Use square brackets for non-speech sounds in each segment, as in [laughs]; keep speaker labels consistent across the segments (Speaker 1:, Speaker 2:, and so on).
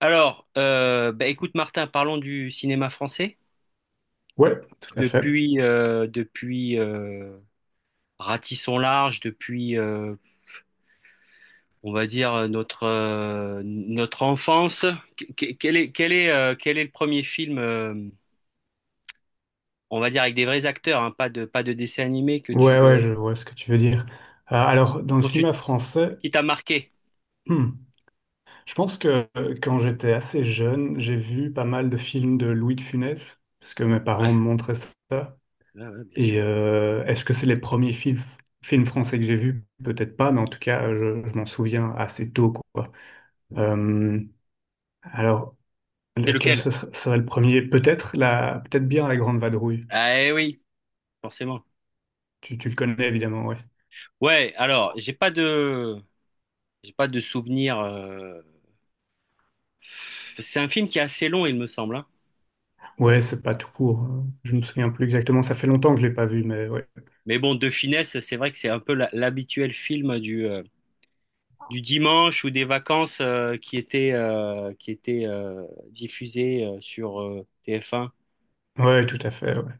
Speaker 1: Alors, bah, écoute Martin, parlons du cinéma français.
Speaker 2: Ouais, tout à fait.
Speaker 1: Depuis Ratisson Large, depuis, on va dire, notre enfance, que- quel est, quel est, quel est le premier film, on va dire, avec des vrais acteurs, hein, pas de dessin animé que tu,
Speaker 2: Ouais, ouais,
Speaker 1: euh,
Speaker 2: je vois ce que tu veux dire. Alors, dans le
Speaker 1: dont tu,
Speaker 2: cinéma français,
Speaker 1: qui t'a marqué?
Speaker 2: hmm, je pense que quand j'étais assez jeune, j'ai vu pas mal de films de Louis de Funès, parce que mes
Speaker 1: Ouais,
Speaker 2: parents me montraient ça.
Speaker 1: ouais, ouais, bien
Speaker 2: Et
Speaker 1: sûr.
Speaker 2: euh, est-ce que c'est les premiers films français que j'ai vus? Peut-être pas, mais en tout cas, je m'en souviens assez tôt, quoi. Euh, alors,
Speaker 1: C'est
Speaker 2: lequel
Speaker 1: lequel?
Speaker 2: serait le premier? Peut-être bien La Grande Vadrouille.
Speaker 1: Ah, eh, oui, forcément.
Speaker 2: Tu le connais évidemment, ouais.
Speaker 1: Ouais, alors, j'ai pas de souvenir. C'est un film qui est assez long, il me semble, hein.
Speaker 2: Ouais, c'est pas tout court, hein. Je me souviens plus exactement. Ça fait longtemps que je l'ai pas vu, mais ouais.
Speaker 1: Mais bon, de finesse, c'est vrai que c'est un peu l'habituel film du dimanche ou des vacances qui était diffusé sur TF1.
Speaker 2: Ouais, tout à fait, ouais.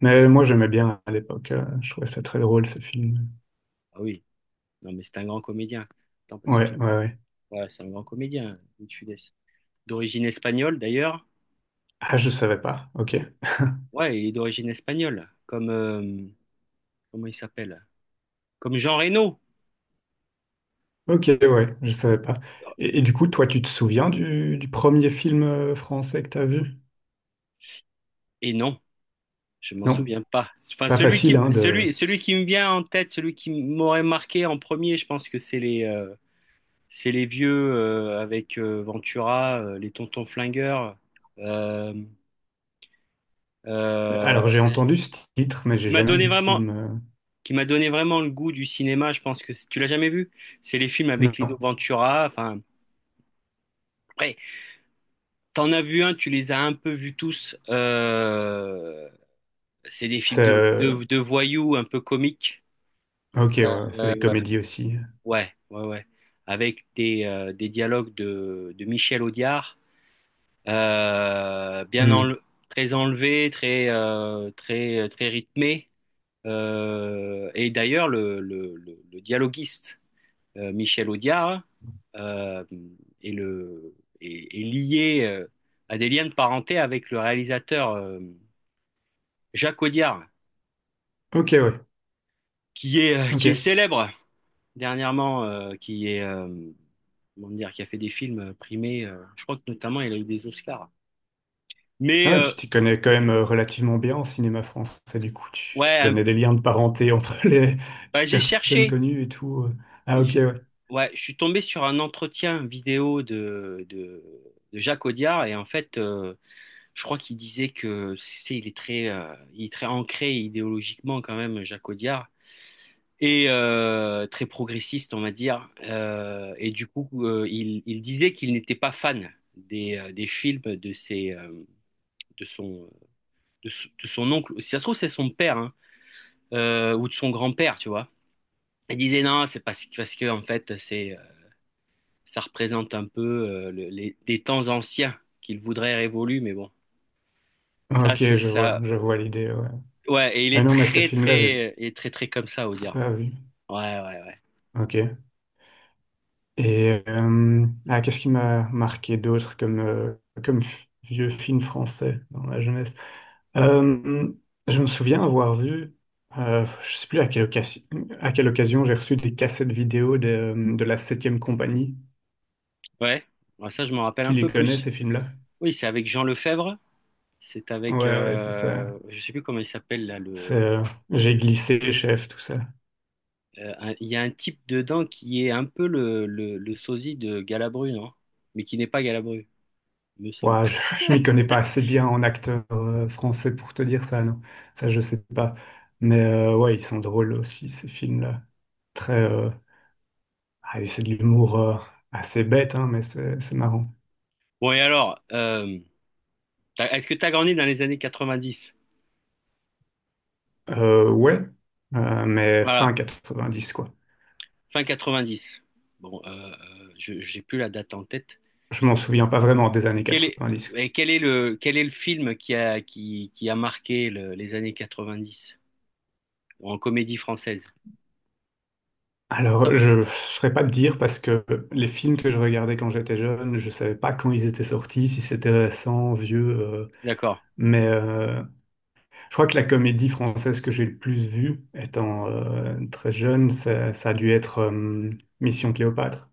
Speaker 2: Mais moi, j'aimais bien à l'époque. Je trouvais ça très drôle, ces films.
Speaker 1: Ah oui, non, mais c'est un grand comédien. Attends, parce que
Speaker 2: Ouais, ouais,
Speaker 1: j'ai.
Speaker 2: ouais.
Speaker 1: Ouais, c'est un grand comédien, Louis de Funès. D'origine espagnole, d'ailleurs.
Speaker 2: Ah, je savais pas. Ok.
Speaker 1: Ouais, il est d'origine espagnole. Comment il s'appelle? Comme Jean Reno.
Speaker 2: Ok, ouais, je savais pas. Et du coup, toi, tu te souviens du, premier film français que t'as vu?
Speaker 1: Et non, je m'en
Speaker 2: Non.
Speaker 1: souviens pas. Enfin,
Speaker 2: Pas
Speaker 1: celui qui,
Speaker 2: facile,
Speaker 1: m-
Speaker 2: hein, de.
Speaker 1: celui, celui qui me vient en tête, celui qui m'aurait marqué en premier, je pense que c'est les vieux avec Ventura, les tontons flingueurs. euh, euh,
Speaker 2: Alors, j'ai entendu ce titre, mais j'ai
Speaker 1: qui m'a
Speaker 2: jamais
Speaker 1: donné
Speaker 2: vu ce
Speaker 1: vraiment,
Speaker 2: film.
Speaker 1: qui m'a donné vraiment le goût du cinéma. Je pense que tu l'as jamais vu. C'est les films avec
Speaker 2: Non.
Speaker 1: Lino Ventura. Enfin, après, t'en as vu un, tu les as un peu vus tous. C'est des
Speaker 2: C'est...
Speaker 1: films de,
Speaker 2: euh,
Speaker 1: de, de voyous un peu comiques.
Speaker 2: Ok,
Speaker 1: Euh,
Speaker 2: ouais, c'est des comédies aussi.
Speaker 1: ouais, ouais, ouais. Avec des dialogues de Michel Audiard. Euh, bien
Speaker 2: Hmm.
Speaker 1: enle- très enlevé, très très très rythmé. Et d'ailleurs, le dialoguiste Michel Audiard euh, est le est lié à des liens de parenté avec le réalisateur Jacques Audiard,
Speaker 2: Ok, ouais.
Speaker 1: qui est
Speaker 2: Ok.
Speaker 1: célèbre dernièrement, qui est comment dire, qui a fait des films primés. Je crois que notamment il a eu des Oscars.
Speaker 2: Ah
Speaker 1: Mais
Speaker 2: ouais, tu t'y connais quand même relativement bien en cinéma français, du coup, tu
Speaker 1: ouais,
Speaker 2: connais des liens de parenté entre [laughs] les
Speaker 1: bah, j'ai
Speaker 2: personnes
Speaker 1: cherché.
Speaker 2: connues et tout. Ah ok,
Speaker 1: Je,
Speaker 2: ouais.
Speaker 1: ouais, je suis tombé sur un entretien vidéo de Jacques Audiard et en fait, je crois qu'il disait il est très ancré idéologiquement quand même, Jacques Audiard, et très progressiste, on va dire. Et du coup, il disait qu'il n'était pas fan des films de ses, de son, de, son de son oncle. Si ça se trouve, c'est son père, hein, ou de son grand-père, tu vois. Il disait non, c'est parce que en fait, c'est ça représente un peu des temps anciens qu'il voudrait révolus, mais bon,
Speaker 2: Ah,
Speaker 1: ça
Speaker 2: ok,
Speaker 1: c'est
Speaker 2: je vois,
Speaker 1: ça.
Speaker 2: je vois l'idée, ouais.
Speaker 1: Ouais, et il
Speaker 2: Ah
Speaker 1: est
Speaker 2: non, mais ce
Speaker 1: très
Speaker 2: film-là, j'ai
Speaker 1: très et très très comme ça, Ozira.
Speaker 2: pas vu.
Speaker 1: Ouais, ouais, ouais.
Speaker 2: Ok. Et, ah, qu'est-ce qui m'a marqué d'autre comme, vieux film français dans ma jeunesse? Euh, je me souviens avoir vu, je sais plus à quelle occasion, j'ai reçu des cassettes vidéo de la Septième compagnie.
Speaker 1: Ouais, ouais, ça je m'en rappelle
Speaker 2: Tu
Speaker 1: un
Speaker 2: les
Speaker 1: peu
Speaker 2: connais,
Speaker 1: plus.
Speaker 2: ces films-là?
Speaker 1: Oui, c'est avec Jean Lefebvre. C'est avec,
Speaker 2: Ouais, ouais, c'est ça.
Speaker 1: je sais plus comment il s'appelle là.
Speaker 2: C'est, j'ai glissé, chef, tout ça.
Speaker 1: Il y a un type dedans qui est un peu le sosie de Galabru, non? Mais qui n'est pas Galabru, me semble.
Speaker 2: Ouais,
Speaker 1: [laughs]
Speaker 2: [laughs] je m'y connais pas assez bien en acteur français pour te dire ça, non. Ça, je sais pas. Mais ouais, ils sont drôles aussi, ces films-là. Très. Allez, c'est de l'humour assez bête, hein, mais c'est marrant.
Speaker 1: Bon et alors, est-ce que tu as grandi dans les années 90?
Speaker 2: Ouais, mais fin
Speaker 1: Voilà.
Speaker 2: 90, quoi.
Speaker 1: Fin 90. Bon, je j'ai plus la date en tête.
Speaker 2: Je m'en souviens pas vraiment des années
Speaker 1: Quel est,
Speaker 2: 90, quoi.
Speaker 1: et quel est le film qui a marqué les années 90 en comédie française?
Speaker 2: Alors, je ne saurais pas te dire parce que les films que je regardais quand j'étais jeune, je savais pas quand ils étaient sortis, si c'était récent, vieux.
Speaker 1: D'accord.
Speaker 2: Mais je crois que la comédie française que j'ai le plus vue, étant très jeune, ça a dû être Mission Cléopâtre.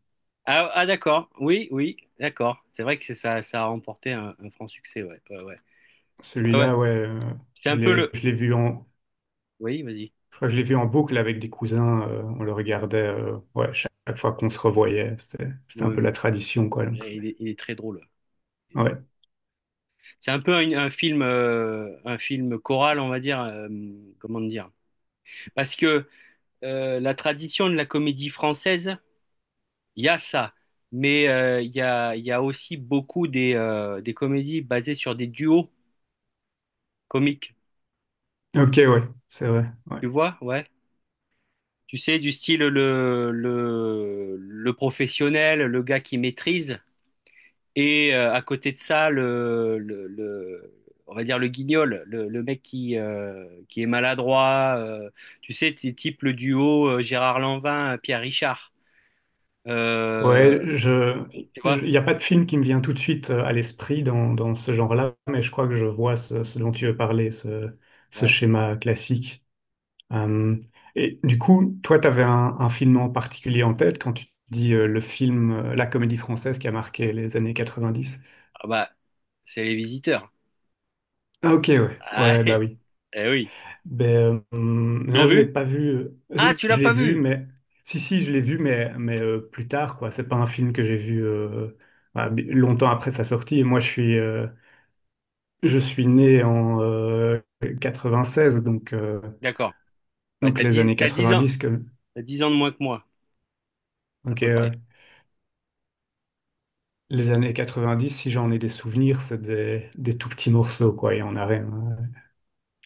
Speaker 1: Ah, ah, d'accord. Oui, oui, d'accord. C'est vrai que c'est ça, ça a remporté un franc succès. Ouais, ouais, ouais. Ouais, ouais.
Speaker 2: Celui-là, ouais,
Speaker 1: C'est
Speaker 2: je
Speaker 1: un peu
Speaker 2: l'ai,
Speaker 1: le.
Speaker 2: je l'ai vu en,
Speaker 1: Oui, vas-y.
Speaker 2: je crois que je l'ai vu en boucle avec des cousins. On le regardait, ouais, chaque fois qu'on se revoyait. C'était un
Speaker 1: Oui,
Speaker 2: peu la
Speaker 1: oui.
Speaker 2: tradition, quoi. Donc,
Speaker 1: Eh,
Speaker 2: ouais.
Speaker 1: il est très drôle. Il est très drôle.
Speaker 2: Ouais.
Speaker 1: C'est un peu un film choral, on va dire. Comment dire? Parce que la tradition de la comédie française, il y a ça, mais il y a aussi beaucoup des comédies basées sur des duos comiques,
Speaker 2: Ok, ouais, c'est vrai. Ouais.
Speaker 1: tu vois, ouais. Tu sais, du style le professionnel, le gars qui maîtrise, et à côté de ça, on va dire le guignol, le mec qui est maladroit, tu sais, type le duo Gérard Lanvin, Pierre Richard.
Speaker 2: Ouais,
Speaker 1: Euh, Tu vois?
Speaker 2: il n'y a pas de film qui me vient tout de suite à l'esprit dans ce genre-là, mais je crois que je vois ce dont tu veux parler, ce
Speaker 1: Ouais.
Speaker 2: schéma classique. Euh, et du coup, toi, tu avais un film en particulier en tête quand tu dis la comédie française qui a marqué les années 90.
Speaker 1: Ah bah, c'est Les Visiteurs.
Speaker 2: Ah, ok, ouais, ouais,
Speaker 1: Ah,
Speaker 2: ouais, bah
Speaker 1: [laughs]
Speaker 2: oui.
Speaker 1: eh oui.
Speaker 2: Ben,
Speaker 1: Tu l'as
Speaker 2: non, je l'ai
Speaker 1: vu?
Speaker 2: pas vu. Je,
Speaker 1: Ah, tu l'as
Speaker 2: je l'ai
Speaker 1: pas
Speaker 2: vu,
Speaker 1: vu?
Speaker 2: mais si, je l'ai vu, mais plus tard, quoi. C'est pas un film que j'ai vu longtemps après sa sortie. Et moi, je suis né en 96, donc, euh,
Speaker 1: D'accord. Bah,
Speaker 2: donc
Speaker 1: t'as
Speaker 2: les
Speaker 1: dix,
Speaker 2: années
Speaker 1: t'as dix ans.
Speaker 2: 90.
Speaker 1: T'as 10 ans de moins que moi, à
Speaker 2: Ok,
Speaker 1: peu
Speaker 2: ouais.
Speaker 1: près.
Speaker 2: Les années 90, si j'en ai des souvenirs, c'est des tout petits morceaux, quoi, et on a rien.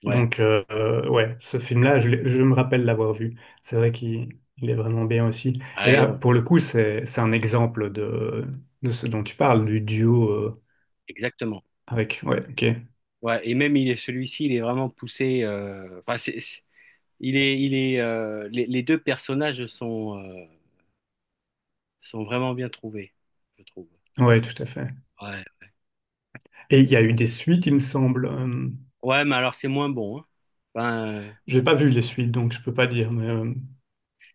Speaker 1: Ouais.
Speaker 2: Donc, ouais, ce film-là, je me rappelle l'avoir vu. C'est vrai qu'il il est vraiment bien aussi.
Speaker 1: Ah,
Speaker 2: Et là,
Speaker 1: Iron.
Speaker 2: pour le coup, c'est un exemple de, ce dont tu parles, du duo
Speaker 1: Exactement.
Speaker 2: avec. Ouais, ok.
Speaker 1: Ouais. Et même, il est celui-ci, il est vraiment poussé. Enfin, les deux personnages sont vraiment bien trouvés, je trouve.
Speaker 2: Ouais, tout à fait.
Speaker 1: Ouais.
Speaker 2: Et il y a eu des suites, il me semble.
Speaker 1: Ouais, mais alors, c'est moins bon, hein. Enfin,
Speaker 2: J'ai pas vu les suites, donc je peux pas dire, mais.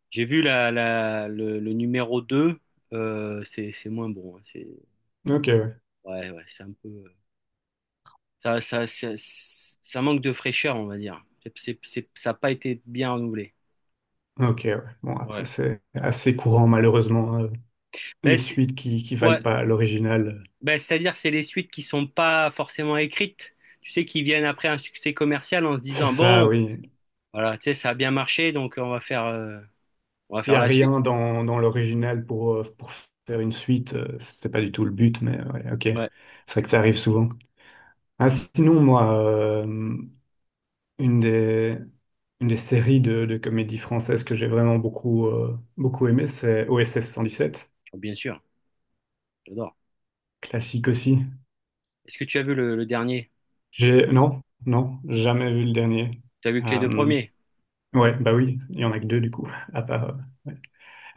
Speaker 1: j'ai vu le numéro 2. C'est moins bon, hein. C'est,
Speaker 2: Ok, ouais.
Speaker 1: ouais, ouais, c'est un peu. Ça manque de fraîcheur, on va dire. Ça n'a pas été bien renouvelé.
Speaker 2: Ok, ouais. Bon, après,
Speaker 1: Ouais.
Speaker 2: c'est assez courant, malheureusement,
Speaker 1: Ben,
Speaker 2: les
Speaker 1: c'est,
Speaker 2: suites qui
Speaker 1: ouais.
Speaker 2: valent pas l'original.
Speaker 1: Ben, c'est-à-dire, c'est les suites qui sont pas forcément écrites, tu sais, qui viennent après un succès commercial en se
Speaker 2: C'est
Speaker 1: disant,
Speaker 2: ça,
Speaker 1: bon,
Speaker 2: oui.
Speaker 1: voilà, tu sais, ça a bien marché, donc on va faire, euh, on va
Speaker 2: Il n'y
Speaker 1: faire
Speaker 2: a
Speaker 1: la
Speaker 2: rien
Speaker 1: suite.
Speaker 2: dans l'original pour faire une suite. C'était pas du tout le but, mais ouais, ok.
Speaker 1: Ouais,
Speaker 2: C'est vrai que ça arrive souvent. Ah, sinon, moi, une des, une des séries de comédie française que j'ai vraiment beaucoup aimé, c'est OSS 117.
Speaker 1: bien sûr, j'adore.
Speaker 2: Classique aussi.
Speaker 1: Est-ce que tu as vu le dernier?
Speaker 2: Non, non, jamais vu le dernier.
Speaker 1: Tu as vu que les deux
Speaker 2: Euh,
Speaker 1: premiers?
Speaker 2: ouais, bah oui, il y en a que deux du coup, [laughs] à part. Ouais.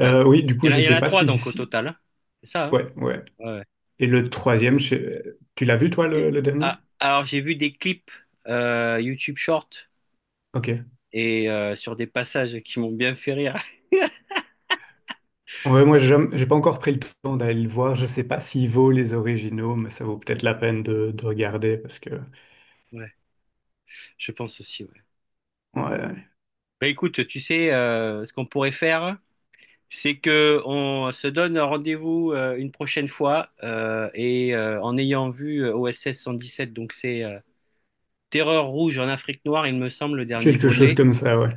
Speaker 1: Ouais.
Speaker 2: Oui, du
Speaker 1: Il y
Speaker 2: coup,
Speaker 1: en a,
Speaker 2: je
Speaker 1: il y en
Speaker 2: sais
Speaker 1: a
Speaker 2: pas
Speaker 1: trois,
Speaker 2: si,
Speaker 1: donc, au
Speaker 2: si,
Speaker 1: total, hein. C'est ça, hein?
Speaker 2: ouais, ouais.
Speaker 1: Ouais.
Speaker 2: Et le troisième, tu l'as vu toi le,
Speaker 1: Et-
Speaker 2: le dernier?
Speaker 1: ah, alors, j'ai vu des clips YouTube Short
Speaker 2: Ok.
Speaker 1: et sur des passages qui m'ont bien fait rire. [laughs]
Speaker 2: Ouais, moi j'ai pas encore pris le temps d'aller le voir. Je sais pas s'il vaut les originaux, mais ça vaut peut-être la peine de regarder parce que
Speaker 1: Ouais, je pense aussi. Ouais.
Speaker 2: ouais,
Speaker 1: Bah, écoute, tu sais, ce qu'on pourrait faire, c'est que on se donne rendez-vous une prochaine fois et en ayant vu OSS 117, donc c'est Terreur rouge en Afrique noire, il me semble, le dernier
Speaker 2: quelque chose
Speaker 1: volet.
Speaker 2: comme ça, ouais.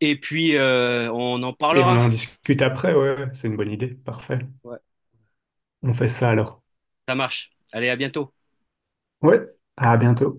Speaker 1: Et puis on en
Speaker 2: Et on
Speaker 1: parlera.
Speaker 2: en discute après, ouais, ouais, c'est une bonne idée. Parfait.
Speaker 1: Ouais,
Speaker 2: On fait ça alors.
Speaker 1: ça marche. Allez, à bientôt.
Speaker 2: Ouais. À bientôt.